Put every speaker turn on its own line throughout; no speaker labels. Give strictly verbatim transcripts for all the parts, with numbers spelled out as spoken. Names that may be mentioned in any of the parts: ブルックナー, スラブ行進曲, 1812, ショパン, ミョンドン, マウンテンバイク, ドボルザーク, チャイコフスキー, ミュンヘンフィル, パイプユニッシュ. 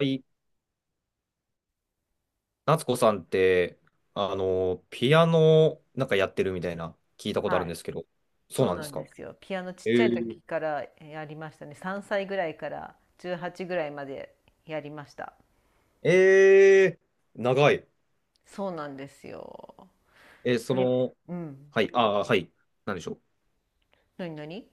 り、夏子さんって、あの、ピアノなんかやってるみたいな聞いたことあ
は
るん
い。
ですけど、そう
そう
なんで
な
す
んで
か？
すよ。ピアノちっ
え
ちゃい時
ー、
からやりましたね。さんさいぐらいからじゅうはちぐらいまでやりました。
えー、長い。
そうなんですよ。
えーそ
で、
の、
うん。
はい、あーはい、なんでしょう。
なになに。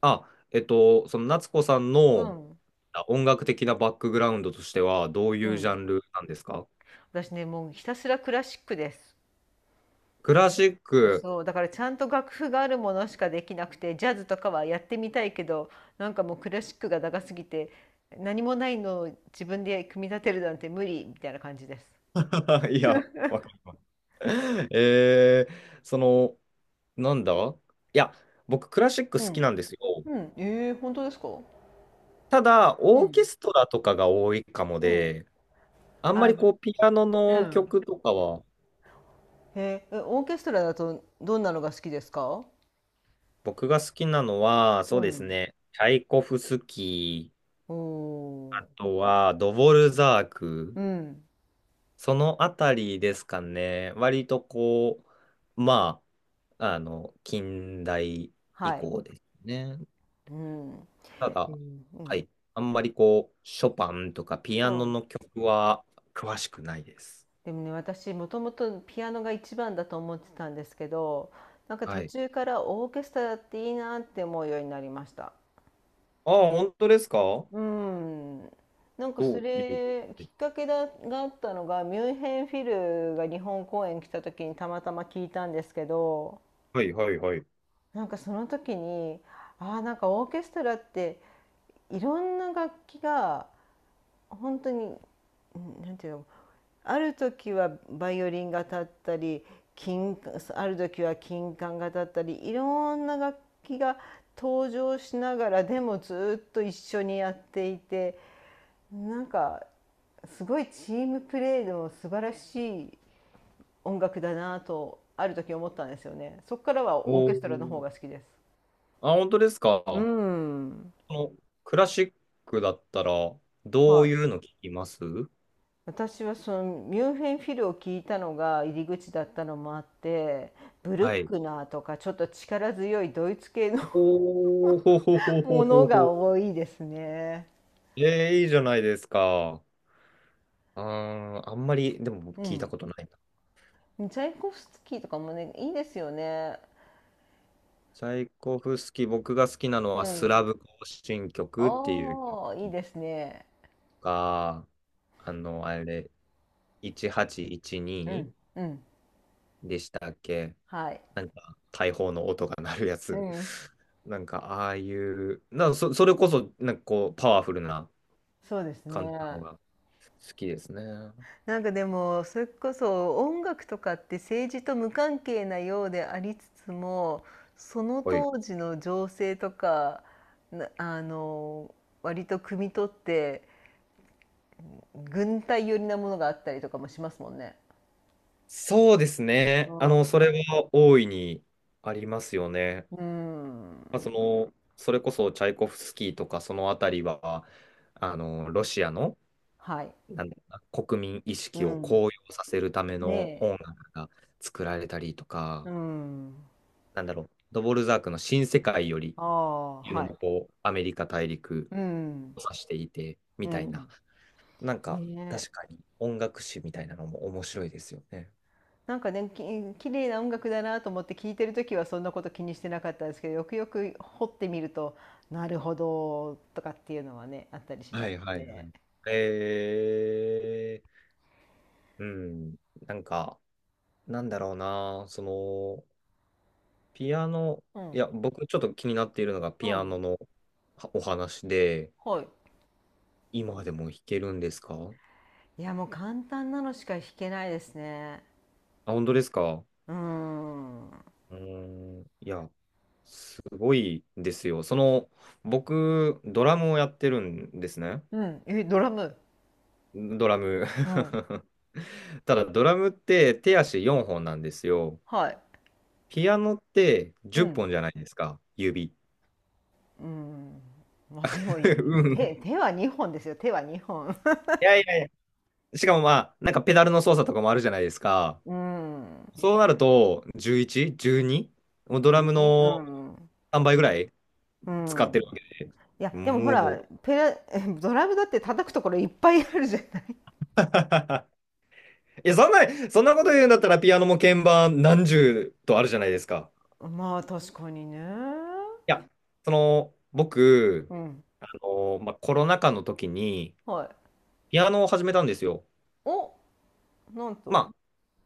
あ、えっと、その夏子さん
う
の
ん。
あ音楽的なバックグラウンドとしては、どうい
う
うジャ
ん。
ンルなんですか？
私ね、もうひたすらクラシックです。
クラシック。
そう、だからちゃんと楽譜があるものしかできなくて、ジャズとかはやってみたいけど、なんかもうクラシックが長すぎて、何もないのを自分で組み立てるなんて無理みたいな感じです。
いや、わかんえー、その、なんだいや、僕、クラシック
う
好き
ん。
なんですよ。
うん。ええ、本当ですか？
ただ、
う
オーケ
ん。
ストラとかが多いかも
うん。
で、あんま
あ、
りこう、
う
ピアノの
ん、
曲とかは、
へえ、えオーケストラだとどんなのが好きですか？
僕が好きなのは、そう
う
です
ん。
ね、チャイコフスキー、
お
あ
お
とはドボルザーク、
ー、うん、
そのあたりですかね、割とこう、まあ、あの、近代
は
以
い、
降ですね。
うん、うん、
た
う
だ、は
ん。
い、あんまりこう、ショパンとかピア
そ
ノ
う、
の曲は詳しくないです。
でもね、私もともとピアノが一番だと思ってたんですけど、なんか
は
途
い。
中からオーケストラっていいなって思うようになりました。
ああ、本当ですか？
うん。なんか
ど
そ
ういう。
れきっかけだがあったのがミュンヘンフィルが日本公演来た時にたまたま聞いたんですけど、
はいはいはい。
なんかその時に、ああ、なんかオーケストラっていろんな楽器が本当に、なんていうの、ある時はバイオリンが立ったり、金ある時は金管が立ったり、いろんな楽器が登場しながらでもずっと一緒にやっていて、なんかすごいチームプレーの素晴らしい音楽だなとある時思ったんですよね。そこからはオーケ
お
ストラの方
ー。
が好きです。
あ、本当ですか。
う
こ
ん。
のクラシックだったら、ど
は
う
い、
いうの聞きます？
私はそのミュンヘンフィルを聞いたのが入り口だったのもあって、ブル
は
ッ
い。
クナーとかちょっと力強いドイツ系の
おー、ほほ ほほ
もの
ほ
が
ほ。
多いですね。
えー、いいじゃないですか。あー、あんまり、でも僕
う
聞いた
ん、
ことないな。
チャイコフスキーとかもねいいですよね。
チャイコフスキー、僕が好きなの
う
はス
ん、
ラブ行進曲っていう曲
ああいいですね。
か、あの、あれ、
う
せんはっぴゃくじゅうに
ん、うん、
でしたっけ？
はい。
なんか大砲の音が鳴るや
う
つ。
ん、
なんかああいう、なんかそ、それこそなんかこうパワフルな
そうです
感じなの
ね。
が好きですね。
なんかでもそれこそ音楽とかって政治と無関係なようでありつつも、その
はい。
当時の情勢とか、なあの割と汲み取って、軍隊寄りなものがあったりとかもしますもんね。
そうです
う
ね。あ
ん。
の、それは大いにありますよね。
う
まあ、そ
ん。
の、それこそチャイコフスキーとかそのあたりは、あの、ロシアの、
はい。
なんだろうな、国民意
う
識を
ん。
高揚させるため
ね
の音楽が作られたりと
え。う
か、
ん。
なんだろう、ドボルザークの新世界より
ああ、
いうの
はい。
もこうアメリカ大陸
うん。
を指していてみ
う
たい
ん。
な、なんか
ね
確
え。
かに音楽史みたいなのも面白いですよね。
なんかね、き綺麗な音楽だなと思って聴いてる時はそんなこと気にしてなかったんですけど、よくよく掘ってみるとなるほどとかっていうのはね、あったりしま
は
す
いはいは
ね。
い。えー、うん、なんか、なんだろうな、その、ピアノ、
う
いや、
ん、
僕ちょっと気になっているのが
う
ピアノ
ん、
のはお話で、
はい。
今でも弾けるんですか？
いやもう簡単なのしか弾けないですね。
あ、本当ですか？
うーん。
うーん、いや、すごいですよ。その、僕、ドラムをやってるんですね。
うん。えドラム。
ドラム
うん。
ただドラムって手足よんほんなんですよ。
はい。
ピアノって
う
10
ん。
本じゃないですか、指。
うん。まあでもい
うん。
手、手はにほんですよ。手はにほん。
いやいやいや。しかもまあ、なんかペダルの操作とかもあるじゃないですか。
うん。
そうなると、じゅういち、じゅうに？ もうド ラム
順にう
の
ん。
さんばいぐらい
う
使ってるわ
ん。
け。
いやでもほ
も
ら、
う。
ペラ ドラムだって叩くところいっぱいあるじゃない。
いや、そんな、そんなこと言うんだったらピアノも鍵盤何十とあるじゃないですか。
まあ確かにね。
いや、その、僕、
うん。
あの、まあ、コロナ禍の時に、
はい。
ピアノを始めたんですよ。
お、なん
ま
と。
あ、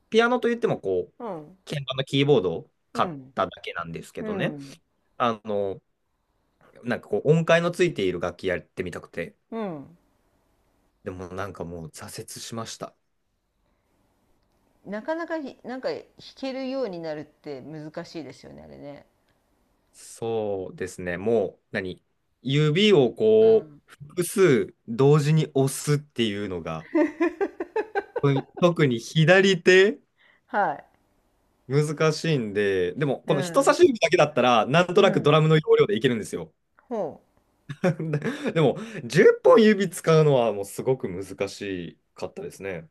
ピアノといっても、こう、
うん。
鍵盤のキーボードを
う
買っ
ん。
ただけなんですけ
う
どね。
ん。
あの、なんかこう、音階のついている楽器やってみたくて。
うん。
でもなんかもう挫折しました。
なかなかひなんか弾けるようになるって難しいですよね、あれね。
そうですね。もう、何指を
う
こう、
ん。
複数同時に押すっていうのが、特に左手、
は
難しいんで、でも、
い。う
この人差
ん。
し指だけだったら、なんと
う
なくド
ん。
ラムの要領でいけるんですよ。
ほう。
でも、じゅっぽん指使うのはもうすごく難しかったですね。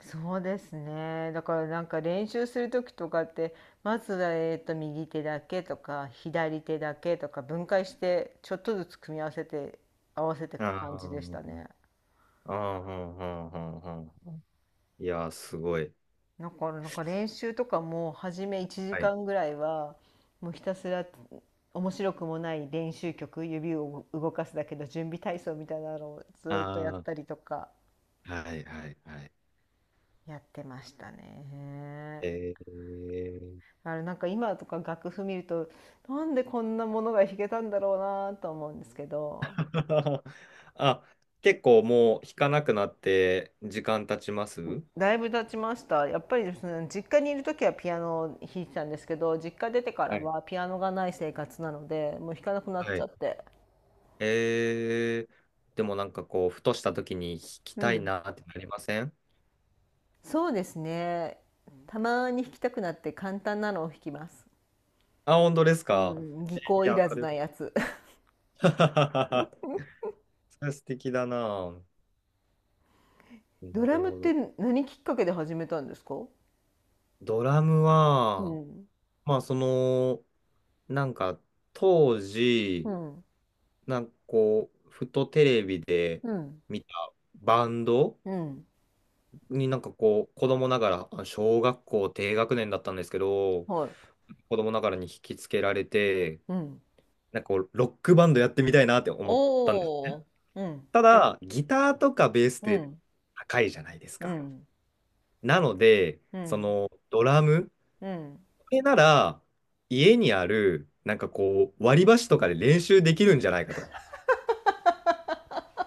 そうですね。だからなんか練習する時とかって、まずはえっと右手だけとか左手だけとか分解してちょっとずつ組み合わせて合わせていく感じでした
あ
ね。
あ、ああ、ああ、いやー、すごい。
だからなんか練習とかも初め1
はい。
時間ぐらいはもうひたすら面白くもない練習曲、指を動かすだけの準備体操みたいなのをずっとやっ
あ
たりとか
あ、はい、はい、はい。
やってましたね。
えー、
あれなんか今とか楽譜見ると、なんでこんなものが弾けたんだろうなと思うんですけど、
あ、結構もう弾かなくなって時間経ちます？
だいぶ経ちましたやっぱりですね。実家にいる時はピアノを弾いてたんですけど、実家出てか
は
ら
い
はピアノがない生活なのでもう弾かなくなっ
は
ちゃ
い。
って。
えー、でもなんかこう、ふとした時に弾き
う
たい
ん、
なってなりません？
そうですね、たまに弾きたくなって簡単なのを弾きます。
あ、本当です
う
か？
ん、技
い
巧い
や、
ら
そ
ず
れは。
なやつ。
それは素敵だな。な
ドラ
る
ムっ
ほ
て
ど。
何きっかけで始めたんですか？
ドラム
う
は、
ん。
まあその、なんか当
う
時、
ん。
なんかこう、ふとテレビで
うん。
見たバンド
うん。
になんかこう、子供ながら、あ小学校低学年だったんですけど、
はい。
子供ながらに引きつけられて、
うん。
なんかこう、ロックバンドやってみたいなって思ったんです。
おー、うん、
ただ、ギターとかベースっ
う
て
ん、
高いじゃないです
う
か。
ん、
なので、
う
そ
ん、
のドラム、
うん。
れなら、家にある、なんかこう、割り箸とかで練習できるんじゃないかと。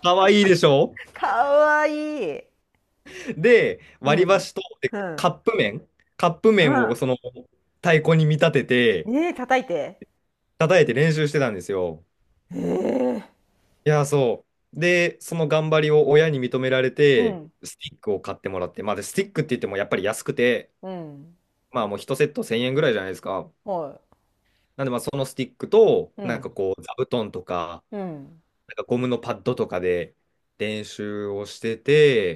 かわいいでしょ？
かわいい。
で、
う
割り
ん、
箸と、で、
う
カ
ん、
ップ麺、カップ
う
麺を
ん。
その太鼓に見立てて、
ねえ、叩いて。
叩いて練習してたんですよ。
ええ。
いや、そう。で、その頑張りを親に認められ
う
て、
ん、
スティックを買ってもらって、まあ、で、スティックって言ってもやっぱり安くて、
うん、
まあもういちセットせんえんぐらいじゃないですか。
は
なんでまあそのスティックと、
い、う
なんか
ん、
こう、座布団とか、
うん、
なんかゴムのパッドとかで練習をして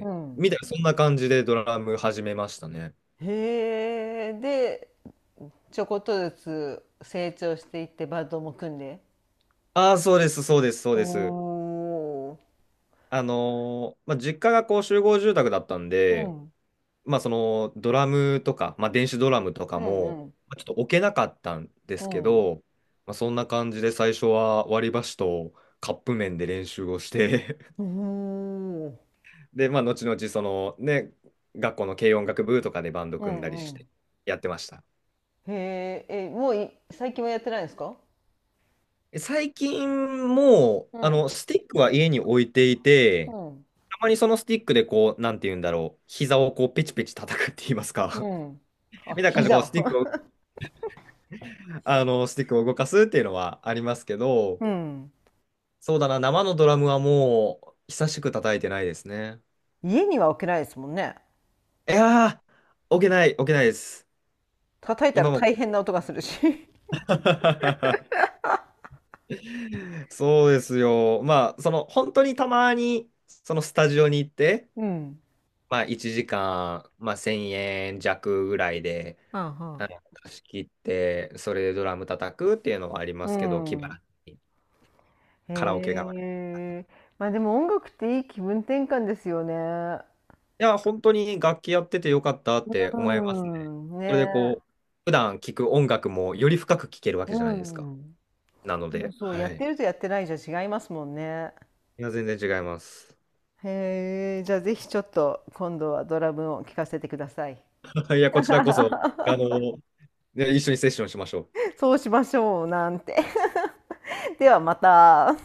うん。
みたいな、そんな感じでドラム始めましたね。
へえ、で、ちょこっとずつ成長していってバンドも組んで。
ああ、そうです、そうです、そうです。
おー。
あのーまあ、実家がこう集合住宅だったん
う
で、
ん、
まあ、そのドラムとか、まあ、電子ドラムとか
う
も、
ん、うん、
まあちょっと置けなかったんで
う
すけ
ん。
ど、まあ、そんな感じで最初は割り箸とカップ麺で練習をして
おお、
で、まあ、後々そのね、学校の軽音楽部とかでバンド
う
組んだり
ん、う
して
ん。
やってました。
へえ、え、もうい最近はやってないんですか？
最近もう、
う
あの、
ん、
スティックは家に置いていて、
うん、
たまにそのスティックでこう、なんて言うんだろう、膝をこう、ペチペチ叩くって言います
う
か。
ん。
み
あ、
たいな感じで、こ
膝
う、ス
を。
ティックを、あの、スティックを動かすっていうのはありますけど、
うん。
そうだな、生のドラムはもう、久しく叩いてないですね。
家には置けないですもんね。
いやー、置けない、置けないです。
叩いたら
今も。
大変な音がするし。
そうですよ。まあ、その、本当にたまに、そのスタジオに行って、
うん。
まあ、いちじかん、まあ、せんえん弱ぐらいで、
うん、
あの貸し切って、それでドラム叩くっていうのはありま
う
すけど、気晴
ん。うん、
らしにカラオケが。
へえ。まあでも音楽っていい気分転換ですよね。
いや、本当に楽器やっててよかったって思いますね。
うん。
それで
ね。
こう、普段聴く音楽もより深く聴けるわけ
う
じゃないですか。
ん。
なので、
そう、や
は
っ
い。
てるとやってないじゃ違いますもんね。
いや、全然違います。
へえ。じゃあぜひちょっと今度はドラムを聴かせてください。
いや、こちらこそ、あ の、ね一緒にセッションしましょう。
そうしましょう、なんて。ではまた。